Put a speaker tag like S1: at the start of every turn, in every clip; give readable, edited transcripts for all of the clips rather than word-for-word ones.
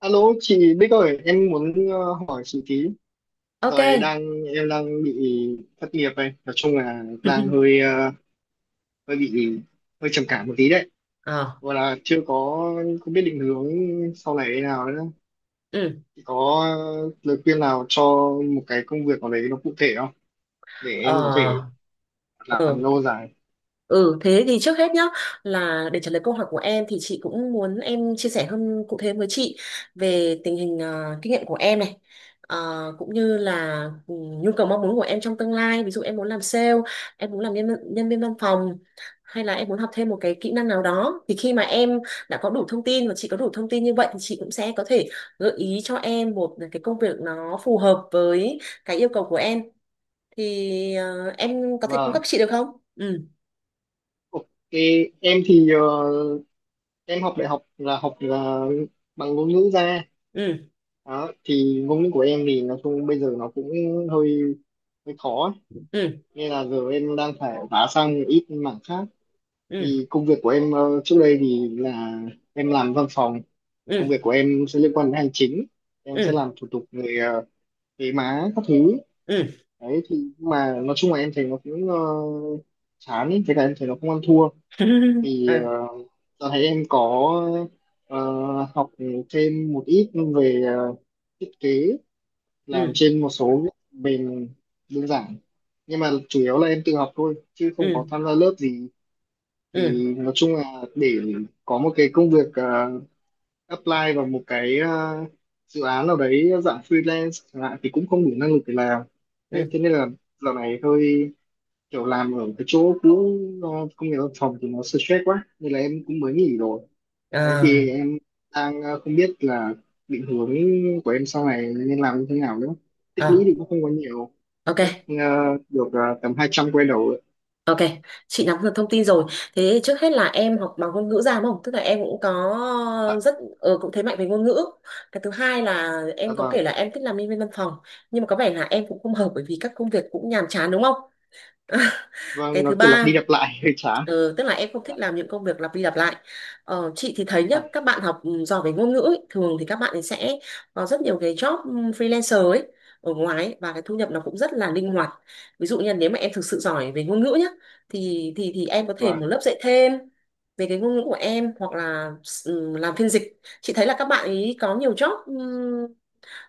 S1: Alo chị Bích ơi, em muốn hỏi chị tí.
S2: Ok.
S1: Rồi đang Em đang bị thất nghiệp đây, nói chung là đang hơi bị hơi trầm cảm một tí đấy.
S2: Ờ.
S1: Gọi là chưa có Không biết định hướng sau này thế nào nữa.
S2: Ừ.
S1: Chị có lời khuyên nào cho một cái công việc nào đấy nó cụ thể không để
S2: Ờ.
S1: em có thể làm
S2: Ừ.
S1: lâu dài.
S2: Ừ, thế thì trước hết nhá, là để trả lời câu hỏi của em thì chị cũng muốn em chia sẻ hơn cụ thể với chị về tình hình kinh nghiệm của em này. Ờ, Cũng như là nhu cầu mong muốn của em trong tương lai, ví dụ em muốn làm sale, em muốn làm nhân viên văn phòng, hay là em muốn học thêm một cái kỹ năng nào đó, thì khi mà em đã có đủ thông tin và chị có đủ thông tin như vậy thì chị cũng sẽ có thể gợi ý cho em một cái công việc nó phù hợp với cái yêu cầu của em. Thì em có thể cung cấp
S1: Vâng.
S2: chị được không? Ừ,
S1: Ok, em thì ờ, em học đại học là học bằng ngôn ngữ ra.
S2: ừ,
S1: Đó, thì ngôn ngữ của em thì nói chung bây giờ nó cũng hơi hơi khó ấy.
S2: ừ,
S1: Nên là giờ em đang phải vá sang một ít mảng khác,
S2: ừ,
S1: thì công việc của em trước đây thì là em làm văn phòng, công
S2: ừ,
S1: việc của em sẽ liên quan đến hành chính, em sẽ
S2: ừ,
S1: làm thủ tục về thuế má các thứ
S2: ừ.
S1: đấy. Thì nhưng mà nói chung là em thấy nó cũng chán ấy, với cả em thấy nó không ăn thua. thì ờ,
S2: À,
S1: Giờ thấy em ờ, học thêm một ít về thiết kế, làm
S2: ừ,
S1: trên một số những mềm đơn giản, nhưng mà chủ yếu là em tự học thôi chứ không có
S2: ừ,
S1: tham gia lớp gì.
S2: ừ,
S1: Thì nói chung là để có một cái công việc apply vào một dự án nào đấy dạng freelance chẳng hạn thì cũng không đủ năng lực để làm. Đấy
S2: ừ.
S1: thế nên là dạo này hơi kiểu làm ở cái chỗ cũ, công việc văn phòng thì nó stress quá nên là em cũng mới nghỉ rồi. Đấy thì
S2: À,
S1: không biết là định hướng của em sau này nên làm như thế nào nữa. Tích lũy
S2: à,
S1: thì cũng không có nhiều.
S2: ok,
S1: Chắc được tầm 200 quay đầu ạ.
S2: ok. Chị nắm được thông tin rồi. Thế trước hết là em học bằng ngôn ngữ ra, đúng không? Tức là em cũng có
S1: Dạ,
S2: rất cũng thế mạnh về ngôn ngữ. Cái thứ hai là
S1: dạ
S2: em có
S1: vâng.
S2: kể là em thích làm nhân viên văn phòng, nhưng mà có vẻ là em cũng không hợp bởi vì các công việc cũng nhàm chán, đúng không?
S1: Vâng,
S2: Cái
S1: nó
S2: thứ
S1: kiểu lặp đi
S2: ba.
S1: lặp lại hơi chán.
S2: Ừ, tức là em không
S1: Dạ,
S2: thích làm những công việc lặp đi lặp lại. Ờ, chị thì thấy nhá, các
S1: phải.
S2: bạn học giỏi về ngôn ngữ ấy, thường thì các bạn ấy sẽ có rất nhiều cái job freelancer ấy ở ngoài ấy, và cái thu nhập nó cũng rất là linh hoạt. Ví dụ như là nếu mà em thực sự giỏi về ngôn ngữ nhá, thì em có thể một
S1: Vâng,
S2: lớp dạy thêm về cái ngôn ngữ của em hoặc là làm phiên dịch. Chị thấy là các bạn ấy có nhiều job ừ,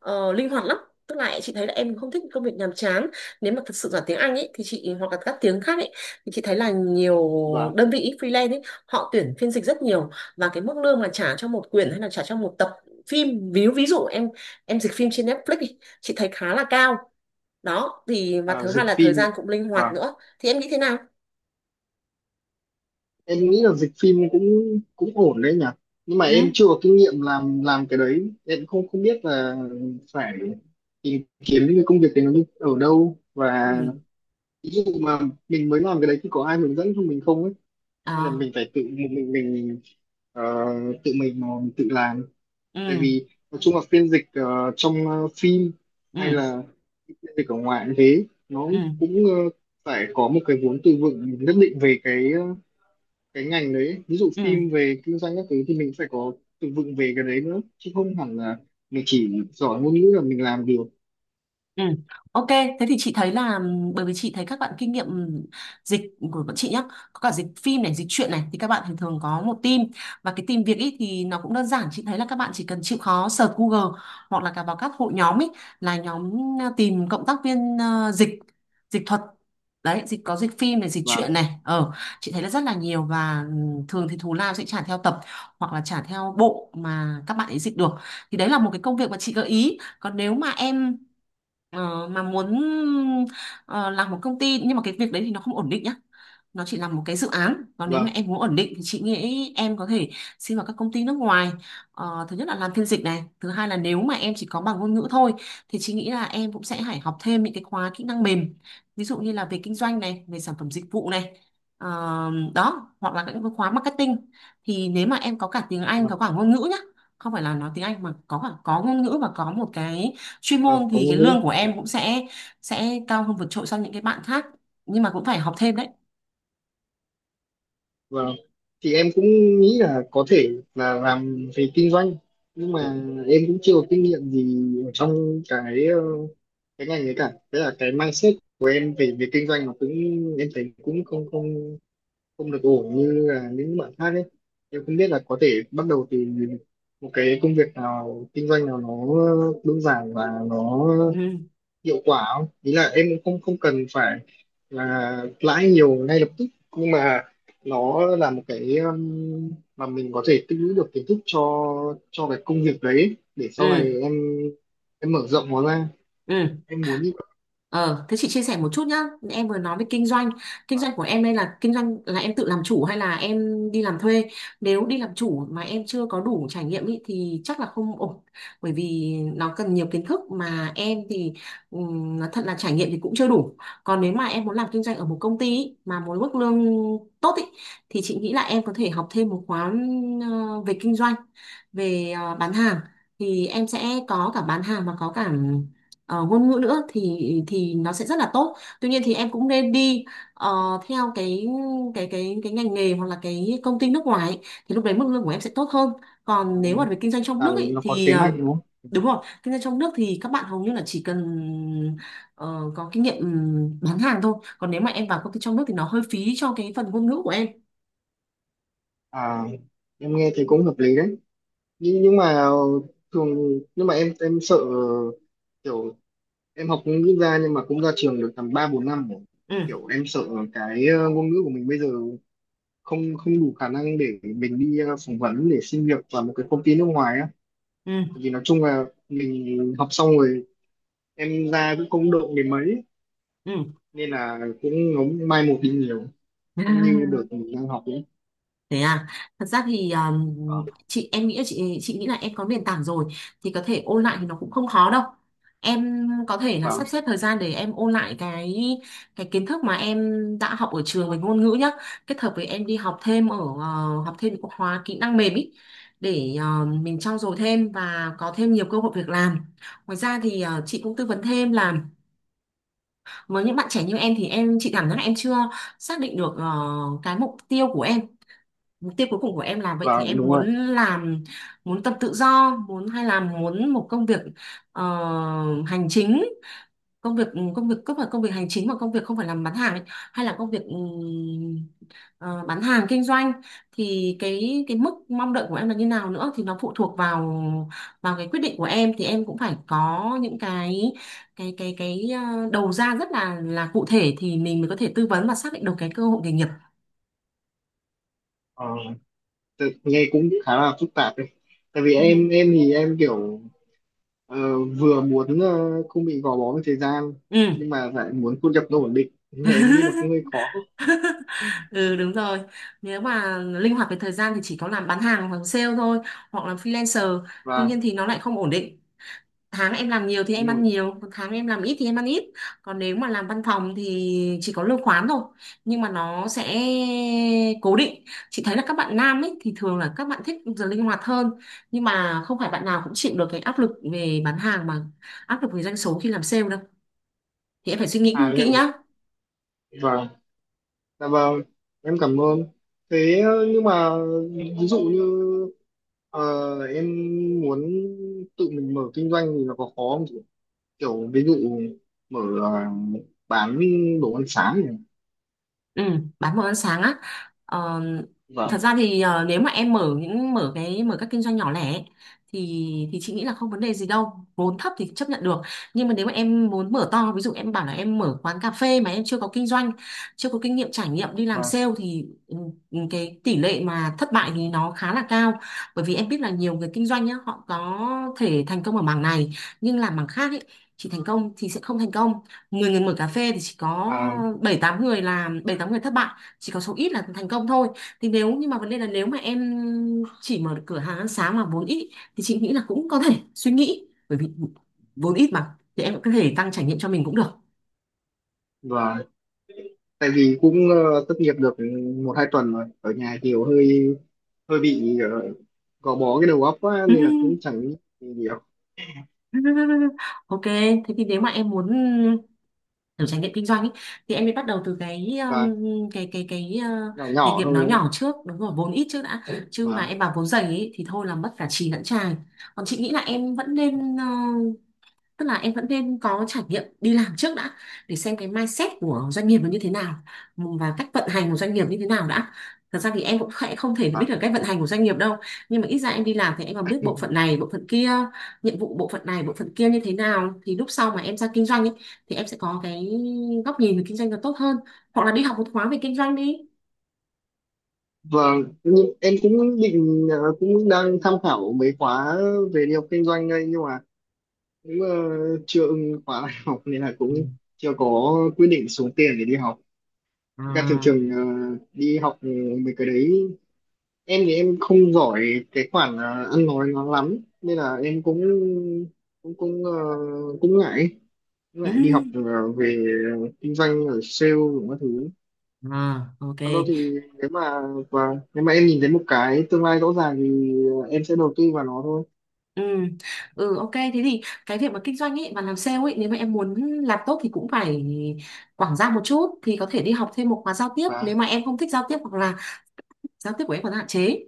S2: ờ, linh hoạt lắm, tức là chị thấy là em không thích công việc nhàm chán, nếu mà thật sự giỏi tiếng Anh ấy thì chị hoặc là các tiếng khác ấy thì chị thấy là nhiều
S1: vâng.
S2: đơn vị freelance ấy họ tuyển phiên dịch rất nhiều, và cái mức lương mà trả cho một quyển hay là trả cho một tập phim, ví ví dụ em dịch phim trên Netflix đi, chị thấy khá là cao. Đó thì, và
S1: À,
S2: thứ hai
S1: dịch
S2: là thời
S1: phim.
S2: gian cũng linh hoạt
S1: Vâng.
S2: nữa, thì em nghĩ thế nào?
S1: Em nghĩ là dịch phim cũng cũng ổn đấy nhỉ. Nhưng mà
S2: Ừ.
S1: em chưa có kinh nghiệm làm cái đấy. Em không không biết là phải tìm kiếm những cái công việc đấy ở đâu, và
S2: Ừ.
S1: ví dụ mà mình mới làm cái đấy thì có ai hướng dẫn cho mình không ấy,
S2: Ờ.
S1: hay là mình phải ờ, tự mình mà mình tự làm. Tại
S2: Ừ.
S1: vì nói chung là phiên dịch trong phim hay
S2: Ừ.
S1: là phiên dịch ở ngoài cũng thế, nó
S2: Ừ.
S1: cũng ờ, phải có một cái vốn từ vựng nhất định về cái ngành đấy, ví dụ
S2: Ừ.
S1: phim về kinh doanh các thứ thì mình phải có từ vựng về cái đấy nữa, chứ không hẳn là mình chỉ giỏi ngôn ngữ là mình làm được
S2: Ừ. Ok, thế thì chị thấy là bởi vì chị thấy các bạn kinh nghiệm dịch của bọn chị nhá, có cả dịch phim này, dịch truyện này, thì các bạn thường thường có một team, và cái team việc ý thì nó cũng đơn giản, chị thấy là các bạn chỉ cần chịu khó search Google hoặc là cả vào các hội nhóm ý, là nhóm tìm cộng tác viên dịch, dịch thuật. Đấy, dịch có dịch phim này, dịch
S1: và
S2: truyện này. Ờ, chị thấy là rất là nhiều và thường thì thù lao sẽ trả theo tập hoặc là trả theo bộ mà các bạn ấy dịch được. Thì đấy là một cái công việc mà chị gợi ý. Còn nếu mà em mà muốn ờ, làm một công ty nhưng mà cái việc đấy thì nó không ổn định nhá, nó chỉ là một cái dự án. Còn nếu
S1: và
S2: mà em muốn ổn định thì chị nghĩ em có thể xin vào các công ty nước ngoài. Ờ, thứ nhất là làm phiên dịch này, thứ hai là nếu mà em chỉ có bằng ngôn ngữ thôi thì chị nghĩ là em cũng sẽ phải học thêm những cái khóa kỹ năng mềm, ví dụ như là về kinh doanh này, về sản phẩm dịch vụ này. Ờ, Đó hoặc là những cái khóa marketing, thì nếu mà em có cả tiếng Anh,
S1: và,
S2: có cả ngôn ngữ nhá, không phải là nói tiếng Anh mà có cả có ngôn ngữ và có một cái chuyên
S1: và
S2: môn
S1: có
S2: thì cái
S1: ngôn ngữ.
S2: lương của
S1: Dạ.
S2: em cũng sẽ cao hơn vượt trội so với những cái bạn khác, nhưng mà cũng phải học thêm đấy.
S1: Vâng. Thì em cũng nghĩ là có thể là làm về kinh doanh, nhưng mà em cũng chưa có kinh nghiệm gì ở trong cái ngành ấy cả. Thế là cái mindset của em về về kinh doanh nó cũng em thấy cũng không không không được ổn như là những bạn khác ấy. Em không biết là có thể bắt đầu từ một cái công việc nào kinh doanh nào nó đơn giản và nó
S2: Ừ.
S1: hiệu quả không, ý là em cũng không không cần phải là lãi nhiều ngay lập tức, nhưng mà nó là một cái mà mình có thể tích lũy được kiến thức cho cái công việc đấy để sau này
S2: Ừ.
S1: em mở rộng nó ra.
S2: Ừ.
S1: Em muốn như vậy.
S2: Ờ, thế chị chia sẻ một chút nhá. Em vừa nói về kinh doanh. Kinh doanh của em đây là kinh doanh là em tự làm chủ hay là em đi làm thuê? Nếu đi làm chủ mà em chưa có đủ trải nghiệm ý, thì chắc là không ổn. Bởi vì nó cần nhiều kiến thức mà em thì nói thật là trải nghiệm thì cũng chưa đủ. Còn nếu mà em muốn làm kinh doanh ở một công ty ý, mà muốn mức lương tốt ý, thì chị nghĩ là em có thể học thêm một khóa về kinh doanh, về bán hàng. Thì em sẽ có cả bán hàng mà có cả ngôn ngữ nữa, thì nó sẽ rất là tốt. Tuy nhiên thì em cũng nên đi ờ, theo cái ngành nghề hoặc là cái công ty nước ngoài ấy, thì lúc đấy mức lương của em sẽ tốt hơn. Còn nếu mà về kinh doanh trong nước
S1: Là
S2: ấy,
S1: nó có
S2: thì
S1: thế mạnh đúng không.
S2: đúng rồi, kinh doanh trong nước thì các bạn hầu như là chỉ cần có kinh nghiệm bán hàng thôi. Còn nếu mà em vào công ty trong nước thì nó hơi phí cho cái phần ngôn ngữ của em.
S1: À, em nghe thấy cũng hợp lý đấy, nhưng mà thường nhưng mà em sợ kiểu em học ngôn ngữ ra nhưng mà cũng ra trường được tầm ba bốn năm rồi.
S2: Ừ.
S1: Kiểu em sợ ngôn ngữ của mình bây giờ không không đủ khả năng để mình đi phỏng vấn để xin việc vào một cái công ty nước ngoài á,
S2: Ừ.
S1: vì nói chung là mình học xong rồi em ra cũng không đậu đến mấy,
S2: Ừ.
S1: nên là cũng nó mai một đi nhiều, không như đợt mình đang học ấy.
S2: Thế à, thật ra thì
S1: Vâng.
S2: chị nghĩ là em có nền tảng rồi thì có thể ôn lại thì nó cũng không khó đâu. Em có thể là sắp
S1: Vâng.
S2: xếp thời gian để em ôn lại cái kiến thức mà em đã học ở trường về ngôn ngữ nhá, kết hợp với em đi học thêm ở học thêm các khóa kỹ năng mềm ý, để mình trau dồi thêm và có thêm nhiều cơ hội việc làm. Ngoài ra thì chị cũng tư vấn thêm là với những bạn trẻ như em thì chị cảm giác là em chưa xác định được cái mục tiêu của em, mục tiêu cuối cùng của em là vậy, thì
S1: Vâng,
S2: em
S1: đúng
S2: muốn
S1: rồi.
S2: làm, muốn tập tự do muốn, hay là muốn một công việc ờ, hành chính, công việc, công việc không phải công việc hành chính mà công việc không phải làm bán hàng ấy, hay là công việc bán hàng kinh doanh, thì cái mức mong đợi của em là như nào nữa, thì nó phụ thuộc vào vào cái quyết định của em, thì em cũng phải có những cái đầu ra rất là cụ thể thì mình mới có thể tư vấn và xác định được cái cơ hội nghề nghiệp.
S1: ờ, Nghe cũng khá là phức tạp đấy, tại vì
S2: Ừ.
S1: em thì em kiểu ờ, vừa muốn không bị gò bó với thời gian,
S2: Ừ.
S1: nhưng mà lại muốn thu nhập nó ổn định nên là em nghĩ nó cũng hơi khó.
S2: Ừ, đúng rồi. Nếu mà linh hoạt về thời gian thì chỉ có làm bán hàng hoặc sale thôi. Hoặc là freelancer. Tuy
S1: Và
S2: nhiên thì nó lại không ổn định. Tháng em làm nhiều thì em
S1: đúng
S2: ăn
S1: rồi.
S2: nhiều, còn tháng em làm ít thì em ăn ít. Còn nếu mà làm văn phòng thì chỉ có lương khoán thôi, nhưng mà nó sẽ cố định. Chị thấy là các bạn nam ấy thì thường là các bạn thích giờ linh hoạt hơn, nhưng mà không phải bạn nào cũng chịu được cái áp lực về bán hàng, mà áp lực về doanh số khi làm sale đâu. Thì em phải suy nghĩ
S1: À,
S2: kỹ
S1: liệu.
S2: nhá.
S1: Và Dạ vâng, em cảm ơn. Thế nhưng mà ví dụ như ờ, em muốn tự mình mở kinh doanh thì nó có khó không chị? Kiểu ví dụ mở ờ, bán đồ ăn sáng này.
S2: Ừ, bán đồ ăn sáng á. Ờ,
S1: Vâng.
S2: thật ra thì nếu mà em mở những mở cái mở các kinh doanh nhỏ lẻ ấy, thì thì chị nghĩ là không vấn đề gì đâu. Vốn thấp thì chấp nhận được. Nhưng mà nếu mà em muốn mở to, ví dụ em bảo là em mở quán cà phê mà em chưa có kinh doanh, chưa có kinh nghiệm trải nghiệm đi làm
S1: Vâng.
S2: sale thì cái tỷ lệ mà thất bại thì nó khá là cao. Bởi vì em biết là nhiều người kinh doanh nhá, họ có thể thành công ở mảng này nhưng làm mảng khác ấy, chỉ thành công thì sẽ không thành công. 10 người mở cà phê thì chỉ có
S1: À,
S2: 7 8 người làm, 7 8 người thất bại, chỉ có số ít là thành công thôi. Thì nếu, nhưng mà vấn đề là nếu mà em chỉ mở được cửa hàng ăn sáng mà vốn ít thì chị nghĩ là cũng có thể suy nghĩ, bởi vì vốn ít mà thì em cũng có thể tăng trải nghiệm cho mình cũng được.
S1: vâng. Tại vì cũng thất nghiệp được một hai tuần rồi. Ở nhà kiểu hơi hơi bị gò bó cái đầu óc quá nên là cũng chẳng nghĩ gì nhiều.
S2: Ok, thế thì nếu mà em muốn kiểu trải nghiệm kinh doanh ý, thì em mới bắt đầu từ cái
S1: Và
S2: um, cái cái cái uh,
S1: nhỏ
S2: nghề
S1: nhỏ
S2: nghiệp
S1: thôi
S2: nó
S1: đúng không?
S2: nhỏ trước, đúng rồi vốn ít trước đã,
S1: Ạ?
S2: chứ mà
S1: Vâng.
S2: em bảo vốn dày ý, thì thôi là mất cả chì lẫn chài. Còn chị nghĩ là em vẫn nên tức là em vẫn nên có trải nghiệm đi làm trước đã để xem cái mindset của doanh nghiệp nó như thế nào và cách vận hành của doanh nghiệp như thế nào đã. Thật ra thì em cũng khẽ không thể biết được cách vận hành của doanh nghiệp đâu, nhưng mà ít ra em đi làm thì em còn biết bộ phận này bộ phận kia, nhiệm vụ bộ phận này bộ phận kia như thế nào, thì lúc sau mà em ra kinh doanh ấy, thì em sẽ có cái góc nhìn về kinh doanh nó tốt hơn, hoặc là đi học một khóa về kinh doanh đi.
S1: Vâng, nhưng em cũng định cũng đang tham khảo mấy khóa về đi học kinh doanh đây, nhưng mà cũng chưa ưng khóa đại học nên là cũng
S2: Ừ.
S1: chưa có quyết định xuống tiền để đi học. Với cả thường
S2: À.
S1: thường đi học mấy cái đấy, em thì em không giỏi cái khoản ăn nói nó lắm nên là em cũng cũng cũng ờ, cũng ngại cũng ngại đi học về kinh doanh ở sale rồi các thứ.
S2: Ừ. À, ok.
S1: Còn đâu thì nếu mà và nếu mà em nhìn thấy một cái tương lai rõ ràng thì em sẽ đầu tư vào nó thôi.
S2: Ừ. Ừ, ok, thế thì cái việc mà kinh doanh ấy và làm sale ấy, nếu mà em muốn làm tốt thì cũng phải quảng giao một chút, thì có thể đi học thêm một khóa giao tiếp nếu
S1: Và
S2: mà em không thích giao tiếp hoặc là giao tiếp của em còn hạn chế,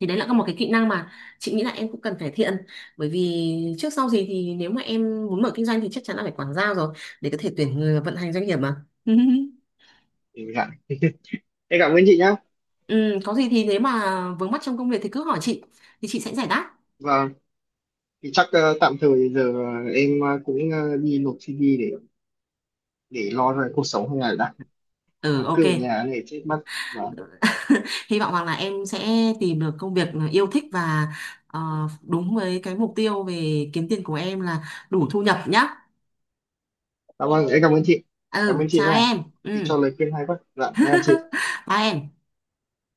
S2: thì đấy là một cái kỹ năng mà chị nghĩ là em cũng cần cải thiện, bởi vì trước sau gì thì nếu mà em muốn mở kinh doanh thì chắc chắn là phải quảng giao rồi, để có thể tuyển người và vận hành doanh nghiệp mà.
S1: để em cảm ơn chị nhá.
S2: Ừ, có gì thì nếu mà vướng mắc trong công việc thì cứ hỏi chị, thì chị sẽ giải đáp.
S1: Và thì chắc tạm thời cũng đi nộp CV để lo về cuộc sống hàng ngày đã,
S2: Ừ,
S1: không
S2: ok.
S1: cứ ở nhà này chết mất. Và
S2: Hy vọng rằng là em sẽ tìm được công việc yêu thích và ờ, đúng với cái mục tiêu về kiếm tiền của em là đủ thu nhập nhá.
S1: cảm ơn em. Cảm ơn chị. Cảm ơn
S2: Ừ,
S1: chị
S2: chào
S1: nha,
S2: em.
S1: chị
S2: Ừ,
S1: cho lời khuyên hay quá. Dạ em chào chị.
S2: bye em.